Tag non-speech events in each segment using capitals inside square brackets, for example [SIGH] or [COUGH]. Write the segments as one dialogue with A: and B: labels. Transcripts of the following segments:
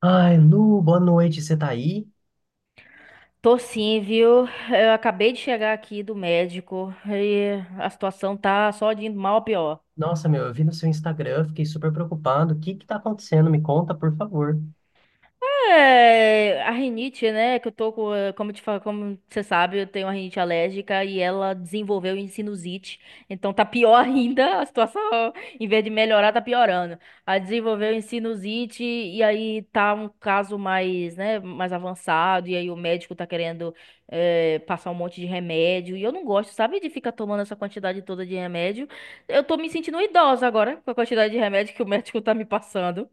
A: Ai, Lu, boa noite, você tá aí?
B: Tô sim, viu? Eu acabei de chegar aqui do médico e a situação tá só de indo mal a pior.
A: Nossa, meu, eu vi no seu Instagram, fiquei super preocupado. O que que tá acontecendo? Me conta, por favor.
B: É, a rinite, né? Que eu tô com, como você sabe, eu tenho uma rinite alérgica e ela desenvolveu em sinusite. Então tá pior [LAUGHS] ainda a situação. Em vez de melhorar, tá piorando. Ela desenvolveu em sinusite e aí tá um caso mais, né, mais avançado. E aí o médico tá querendo passar um monte de remédio. E eu não gosto, sabe, de ficar tomando essa quantidade toda de remédio. Eu tô me sentindo idosa agora com a quantidade de remédio que o médico tá me passando.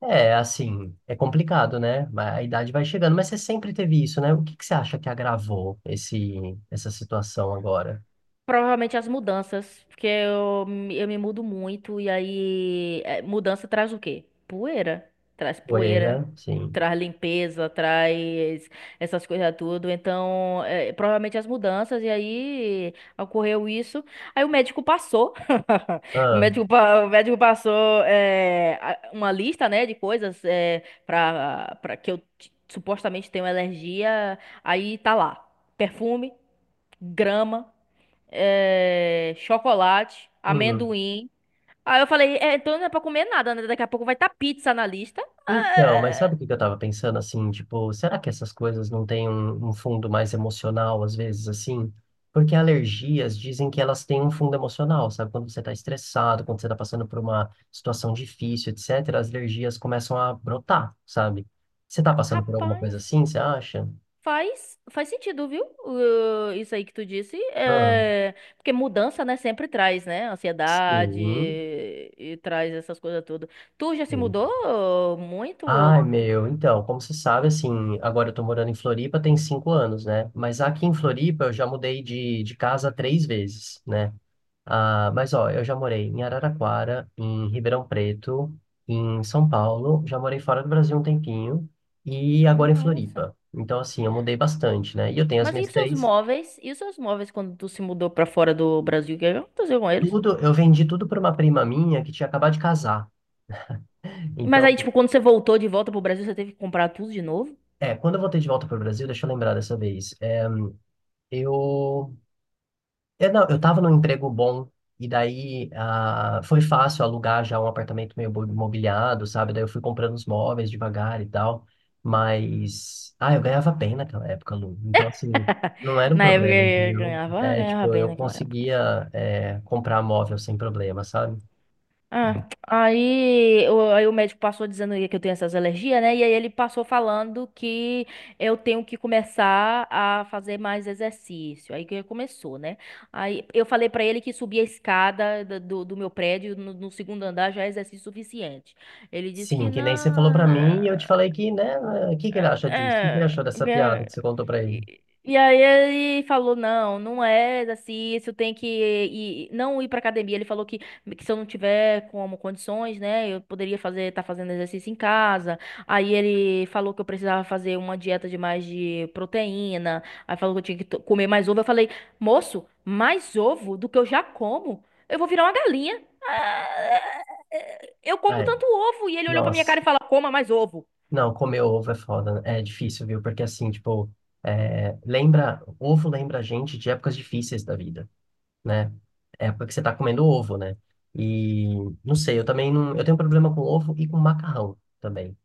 A: É, assim, é complicado, né? A idade vai chegando, mas você sempre teve isso, né? O que que você acha que agravou essa situação agora?
B: Provavelmente as mudanças, porque eu me mudo muito e aí mudança traz o quê? Poeira. Traz poeira,
A: Poeira, sim.
B: traz limpeza, traz essas coisas tudo. Então, provavelmente as mudanças e aí ocorreu isso. Aí o médico passou. [LAUGHS] O
A: Ah,
B: médico, pa- o médico passou uma lista, né, de coisas para que eu supostamente tenho alergia. Aí tá lá, perfume, grama, chocolate,
A: uhum.
B: amendoim. Aí eu falei, "É, então não é pra comer nada, né? Daqui a pouco vai estar pizza na lista."
A: Então, mas
B: Ah,
A: sabe o que que eu tava pensando assim, tipo, será que essas coisas não têm um fundo mais emocional às vezes assim? Porque alergias dizem que elas têm um fundo emocional, sabe? Quando você tá estressado, quando você tá passando por uma situação difícil, etc, as alergias começam a brotar, sabe? Você tá passando por alguma
B: rapaz,
A: coisa assim, você acha?
B: faz sentido, viu? Isso aí que tu disse.
A: Ah,
B: É, porque mudança, né, sempre traz, né? Ansiedade
A: sim.
B: e traz essas coisas todas. Tu já se
A: Sim.
B: mudou muito?
A: Ai, meu, então, como você sabe, assim, agora eu tô morando em Floripa tem 5 anos, né? Mas aqui em Floripa eu já mudei de casa 3 vezes, né? Ah, mas ó, eu já morei em Araraquara, em Ribeirão Preto, em São Paulo, já morei fora do Brasil um tempinho e agora em
B: Nossa.
A: Floripa. Então, assim, eu mudei bastante, né? E eu tenho as
B: Mas e
A: minhas
B: os seus
A: três.
B: móveis? E os seus móveis quando tu se mudou pra fora do Brasil? O que aconteceu com eles?
A: Tudo, eu vendi tudo para uma prima minha que tinha acabado de casar.
B: Mas
A: Então,
B: aí, tipo, quando você voltou de volta pro Brasil, você teve que comprar tudo de novo?
A: é, quando eu voltei de volta para o Brasil, deixa eu lembrar dessa vez. É, eu é não, eu tava num emprego bom, e daí ah, foi fácil alugar já um apartamento mobiliado, sabe? Daí eu fui comprando os móveis devagar e tal, mas... Ah, eu ganhava bem naquela época, Lu. Então, assim, não
B: [LAUGHS]
A: era um
B: Na época
A: problema,
B: eu
A: entendeu?
B: ganhava, ah,
A: É, tipo,
B: ganhava bem
A: eu
B: naquela época.
A: conseguia é, comprar móvel sem problema, sabe?
B: Ah, aí o médico passou dizendo que eu tenho essas alergias, né? E aí ele passou falando que eu tenho que começar a fazer mais exercício. Aí que começou, né? Aí eu falei pra ele que subir a escada do meu prédio no segundo andar já é exercício suficiente. Ele disse que
A: Sim, que
B: não.
A: nem você falou pra mim, e eu te falei que, né? O que que ele acha disso? O que que ele
B: é,
A: achou dessa piada
B: é,
A: que você contou pra ele?
B: e aí ele falou, não, não é exercício, tem que ir, não ir pra academia. Ele falou que se eu não tiver como condições, né, eu poderia fazer, tá fazendo exercício em casa. Aí ele falou que eu precisava fazer uma dieta de mais de proteína. Aí falou que eu tinha que comer mais ovo. Eu falei, moço, mais ovo do que eu já como? Eu vou virar uma galinha. Eu como
A: Ai,
B: tanto ovo. E ele olhou pra minha
A: nossa.
B: cara e falou, coma mais ovo.
A: Não, comer ovo é foda, né? É difícil, viu? Porque assim, tipo, é, lembra, ovo lembra a gente de épocas difíceis da vida, né? Época que você tá comendo ovo, né? E não sei, eu também não, eu tenho problema com ovo e com macarrão também.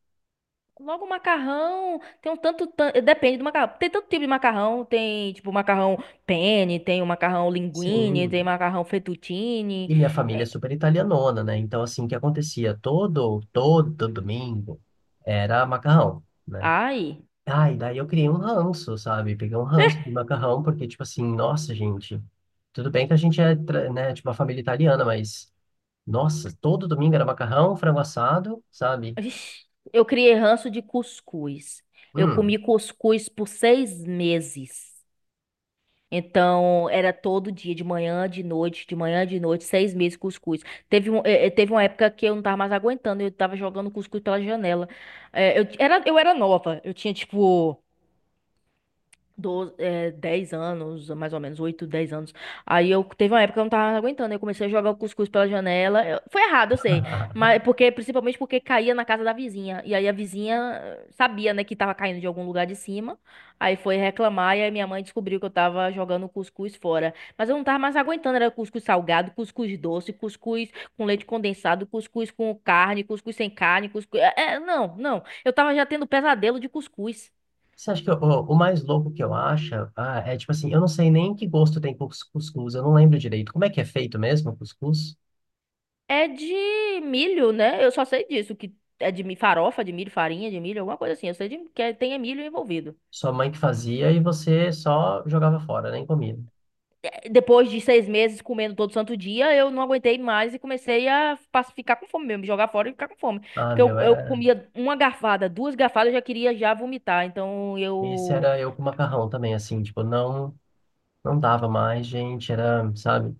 B: Logo macarrão, tem um tanto, depende do macarrão. Tem tanto tipo de macarrão, tem tipo macarrão penne, tem o macarrão linguine, tem
A: Sim.
B: macarrão fettuccine.
A: E minha família é super italianona, né? Então assim, o que acontecia todo domingo era macarrão, né?
B: Ai,
A: Ai, daí eu criei um ranço, sabe? Peguei um ranço de macarrão, porque, tipo assim, nossa, gente, tudo bem que a gente né, tipo, uma família italiana, mas, nossa, todo domingo era macarrão, frango assado, sabe?
B: vixi, eu criei ranço de cuscuz. Eu
A: Hum.
B: comi cuscuz por 6 meses. Então, era todo dia, de manhã, de noite, de manhã, de noite, 6 meses cuscuz. Teve, um, eh, eh, teve uma época que eu não tava mais aguentando, eu tava jogando cuscuz pela janela. Eu era nova, eu tinha tipo 12, é, 10 anos, mais ou menos, 8 10 anos. Aí eu teve uma época que eu não tava aguentando, eu comecei a jogar o cuscuz pela janela. Foi errado, eu sei, mas
A: [LAUGHS]
B: porque principalmente porque caía na casa da vizinha. E aí a vizinha sabia, né, que tava caindo de algum lugar de cima. Aí foi reclamar e aí minha mãe descobriu que eu tava jogando o cuscuz fora. Mas eu não tava mais aguentando, era cuscuz salgado, cuscuz doce, cuscuz com leite condensado, cuscuz com carne, cuscuz sem carne, cuscuz. Não, não. Eu tava já tendo pesadelo de cuscuz.
A: Você acha que o mais louco que eu acho, ah, é tipo assim, eu não sei nem que gosto tem cuscuz, eu não lembro direito. Como é que é feito mesmo o cuscuz?
B: É de milho, né? Eu só sei disso, que é farofa, de milho, farinha de milho, alguma coisa assim. Eu sei de, que tem é milho envolvido.
A: Sua mãe que fazia e você só jogava fora, nem comia.
B: É. Depois de 6 meses comendo todo santo dia, eu não aguentei mais e comecei a ficar com fome mesmo, jogar fora e ficar com fome.
A: Ah,
B: Porque
A: meu,
B: eu
A: era.
B: comia uma garfada, duas garfadas, eu já queria já vomitar. Então
A: Esse
B: eu...
A: era eu com macarrão também, assim, tipo, não. Não dava mais, gente, era, sabe?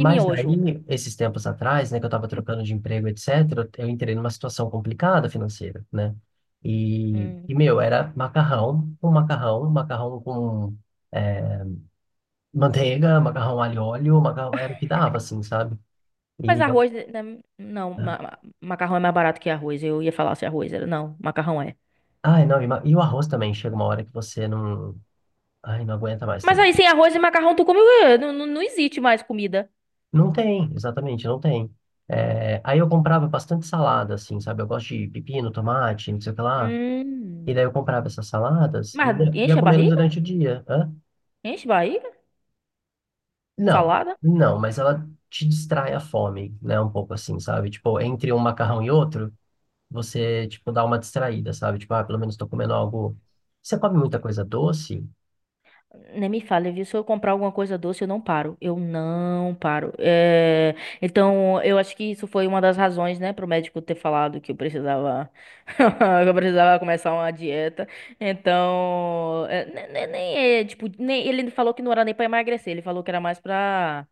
B: E miojo.
A: daí, esses tempos atrás, né, que eu tava trocando de emprego, etc., eu entrei numa situação complicada financeira, né? E meu,
B: Hum.
A: era macarrão, um macarrão com eh, manteiga, macarrão alho e óleo, macarrão, era o que dava, assim, sabe?
B: Mas
A: E,
B: arroz... não, macarrão é mais barato que arroz. Eu ia falar se arroz era... Não, macarrão é.
A: ai, não, e o arroz também, chega uma hora que você não, ai, não aguenta mais
B: Mas
A: também.
B: aí sem arroz e macarrão tu come... o quê? Não, não, não existe mais comida.
A: Não tem, exatamente, não tem. É, aí eu comprava bastante salada, assim, sabe? Eu gosto de pepino, tomate, não sei o que lá. E
B: Hum.
A: daí eu comprava essas saladas e
B: Mas
A: ia
B: enche a
A: comendo
B: barriga?
A: durante o dia. Hã?
B: Enche a barriga?
A: Não,
B: Salada?
A: não, mas ela te distrai a fome, né? Um pouco assim, sabe? Tipo, entre um macarrão e outro, você, tipo, dá uma distraída, sabe? Tipo, ah, pelo menos tô comendo algo. Você come muita coisa doce?
B: Nem me fale, viu? Se eu comprar alguma coisa doce, eu não paro. Eu não paro. Então, eu acho que isso foi uma das razões, né, pro médico ter falado que eu precisava, [LAUGHS] que eu precisava começar uma dieta. Então, é, ne- ne- nem, é, tipo, nem, ele falou que não era nem pra emagrecer, ele falou que era mais pra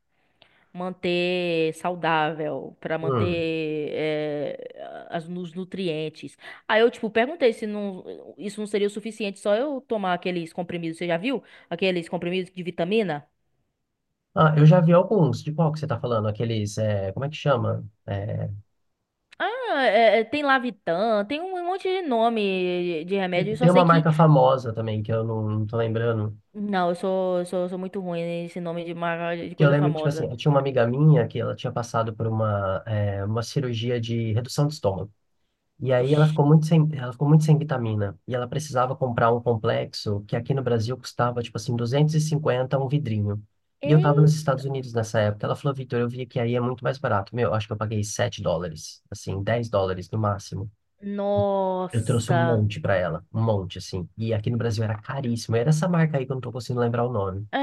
B: manter saudável, pra manter
A: Hum.
B: os nutrientes. Aí eu, tipo, perguntei se não, isso não seria o suficiente só eu tomar aqueles comprimidos, você já viu? Aqueles comprimidos de vitamina?
A: Ah, eu já vi alguns. De qual que você tá falando? Aqueles, é, como é que chama? É,
B: Ah, tem Lavitan, tem um monte de nome de remédio, eu só
A: tem uma
B: sei que...
A: marca famosa também que eu não tô lembrando.
B: Não, eu sou muito ruim nesse nome de, de
A: Que eu
B: coisa
A: lembro que, tipo assim,
B: famosa.
A: eu tinha uma amiga minha que ela tinha passado por uma cirurgia de redução de estômago. E aí
B: Ixi.
A: ela ficou muito sem vitamina. E ela precisava comprar um complexo que aqui no Brasil custava, tipo assim, 250 um vidrinho. E eu
B: Ei,
A: tava nos Estados Unidos nessa época. Ela falou, Vitor, eu vi que aí é muito mais barato. Meu, acho que eu paguei US$ 7, assim, US$ 10 no máximo. Eu trouxe um
B: nossa!
A: monte pra ela, um monte, assim. E aqui no Brasil era caríssimo. Era essa marca aí que eu não tô conseguindo lembrar o nome.
B: É,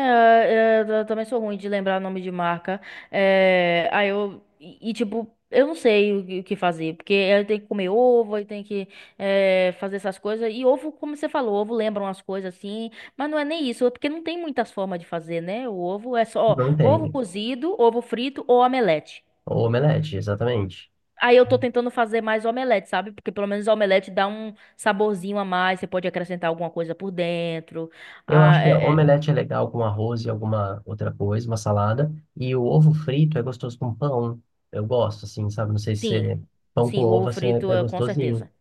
B: eu também sou ruim de lembrar nome de marca. Aí eu. E, tipo, eu não sei que o que fazer. Porque eu tenho que comer ovo, eu tenho que fazer essas coisas. E ovo, como você falou, ovo lembra umas coisas assim. Mas não é nem isso, é porque não tem muitas formas de fazer, né? O ovo é só
A: Não
B: ovo
A: tem.
B: cozido, ovo frito ou omelete.
A: O omelete, exatamente.
B: Aí eu tô tentando fazer mais omelete, sabe? Porque pelo menos omelete dá um saborzinho a mais. Você pode acrescentar alguma coisa por dentro.
A: Eu
B: Ah,
A: acho que
B: é,
A: omelete é legal com arroz e alguma outra coisa, uma salada. E o ovo frito é gostoso com pão. Eu gosto, assim, sabe? Não sei se
B: Sim,
A: pão com
B: sim, o ovo
A: ovo, assim, é,
B: frito
A: é
B: é com
A: gostosinho,
B: certeza.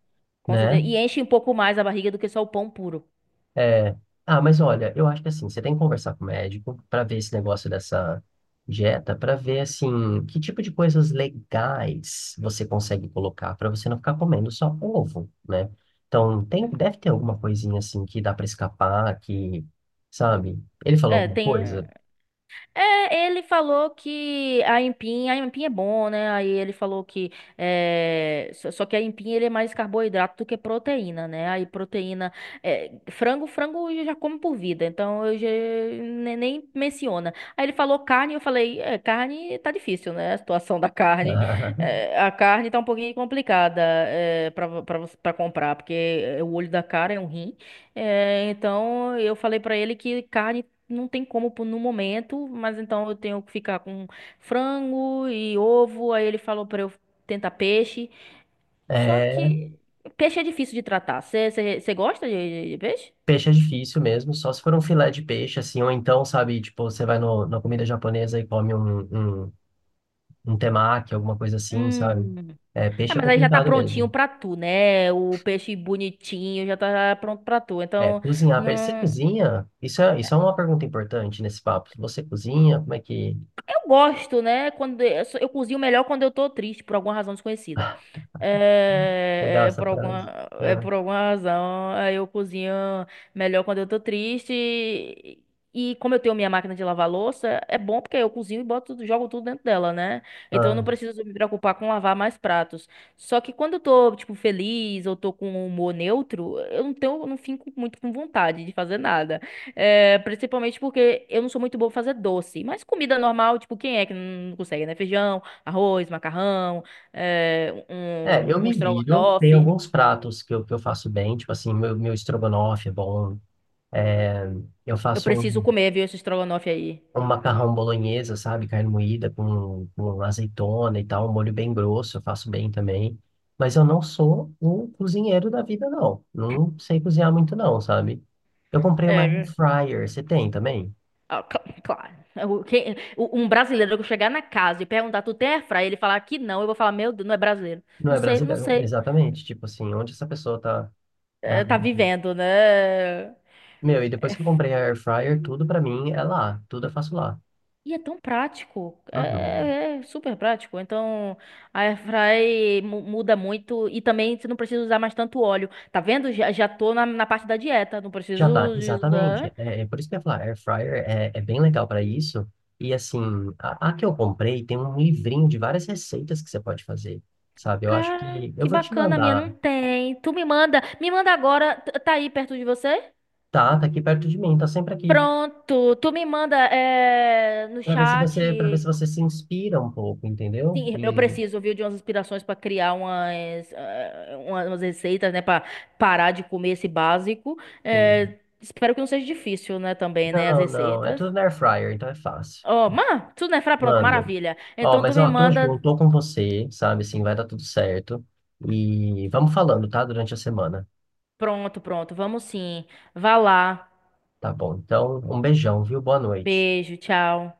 B: Com
A: né?
B: certeza. E enche um pouco mais a barriga do que só o pão puro.
A: É... Ah, mas olha, eu acho que assim, você tem que conversar com o médico para ver esse negócio dessa dieta, para ver, assim, que tipo de coisas legais você consegue colocar para você não ficar comendo só ovo, né? Então, tem, deve ter alguma coisinha, assim, que dá para escapar, que, sabe? Ele falou
B: É,
A: alguma
B: tem.
A: coisa?
B: É, ele falou que a empinha é bom, né? Aí ele falou que só que a empinha ele é mais carboidrato do que proteína, né? Aí proteína, frango eu já como por vida, então eu já nem menciona. Aí ele falou carne, eu falei, carne tá difícil, né? A situação da
A: [LAUGHS]
B: carne.
A: Aham.
B: A carne tá um pouquinho complicada para comprar, porque o olho da cara é um rim. É, então eu falei pra ele que carne não tem como pôr no momento, mas então eu tenho que ficar com frango e ovo. Aí ele falou pra eu tentar peixe. Só
A: É,
B: que peixe é difícil de tratar. Você gosta de peixe?
A: peixe é difícil mesmo, só se for um filé de peixe, assim, ou então, sabe, tipo, você vai no, na comida japonesa e come um temaki, alguma coisa assim, sabe?
B: Hum.
A: É,
B: Ah,
A: peixe é
B: mas aí já tá
A: complicado
B: prontinho
A: mesmo.
B: pra tu, né? O peixe bonitinho já tá pronto pra tu.
A: É,
B: Então,
A: cozinhar, você
B: não.
A: cozinha? Isso é uma pergunta importante nesse papo. Você cozinha? Como é que...
B: Eu gosto, né? Quando eu cozinho melhor quando eu tô triste, por alguma razão desconhecida.
A: Legal
B: É, é
A: essa
B: por
A: frase.
B: alguma, é
A: Ah,
B: por alguma razão, aí eu cozinho melhor quando eu tô triste. E como eu tenho minha máquina de lavar louça, é bom porque eu cozinho e boto, jogo tudo dentro dela, né? Então eu não
A: ah.
B: preciso me preocupar com lavar mais pratos. Só que quando eu tô, tipo, feliz ou tô com um humor neutro, eu não fico muito com vontade de fazer nada. Principalmente porque eu não sou muito boa pra fazer doce. Mas comida normal, tipo, quem é que não consegue, né? Feijão, arroz, macarrão,
A: É, eu
B: um
A: me viro, tem
B: estrogonofe.
A: alguns pratos que que eu faço bem, tipo assim, meu estrogonofe é bom, é, eu
B: Eu
A: faço
B: preciso comer, viu, esse estrogonofe aí.
A: um macarrão bolonhesa, sabe? Carne moída com azeitona e tal, um molho bem grosso, eu faço bem também. Mas eu não sou o cozinheiro da vida, não. Não sei cozinhar muito, não, sabe? Eu comprei uma air
B: É,
A: fryer, você tem também?
B: Ah, claro. Um brasileiro que eu chegar na casa e perguntar, tu tem airfryer? Ele falar que não, eu vou falar, meu Deus, não é brasileiro.
A: Não
B: Não
A: é
B: sei, não
A: brasileiro,
B: sei.
A: exatamente. Tipo assim, onde essa pessoa tá. É,
B: É, tá vivendo, né?
A: meu, e depois que eu comprei a air fryer, tudo pra mim é lá. Tudo eu faço lá.
B: E é tão prático,
A: Uhum.
B: é super prático. Então, a airfry muda muito e também você não precisa usar mais tanto óleo. Tá vendo? Já tô na parte da dieta, não
A: Já tá,
B: preciso de
A: exatamente.
B: usar.
A: É, é por isso que eu ia falar, air fryer é, é bem legal para isso. E assim, a que eu comprei tem um livrinho de várias receitas que você pode fazer, sabe? Eu acho
B: Cara,
A: que eu
B: que
A: vou te
B: bacana, a minha
A: mandar.
B: não tem. Tu me manda agora, tá aí perto de você?
A: Tá, tá aqui perto de mim, tá sempre aqui,
B: Pronto, tu me manda, no
A: para ver se
B: chat.
A: você, para ver se você se inspira um pouco, entendeu?
B: Sim, eu
A: E,
B: preciso, viu, de umas inspirações para criar umas receitas, né, para parar de comer esse básico.
A: sim.
B: Espero que não seja difícil, né, também, né, as
A: Não, não, é
B: receitas.
A: tudo na air fryer, então é fácil.
B: Ó, tudo, né, pronto,
A: Mando.
B: maravilha.
A: Ó,
B: Então tu
A: mas
B: me
A: ó, tô junto,
B: manda,
A: tô com você, sabe? Assim, vai dar tudo certo. E vamos falando, tá? Durante a semana.
B: pronto, pronto, vamos sim. Vá lá,
A: Tá bom. Então, um beijão, viu? Boa noite.
B: beijo, tchau.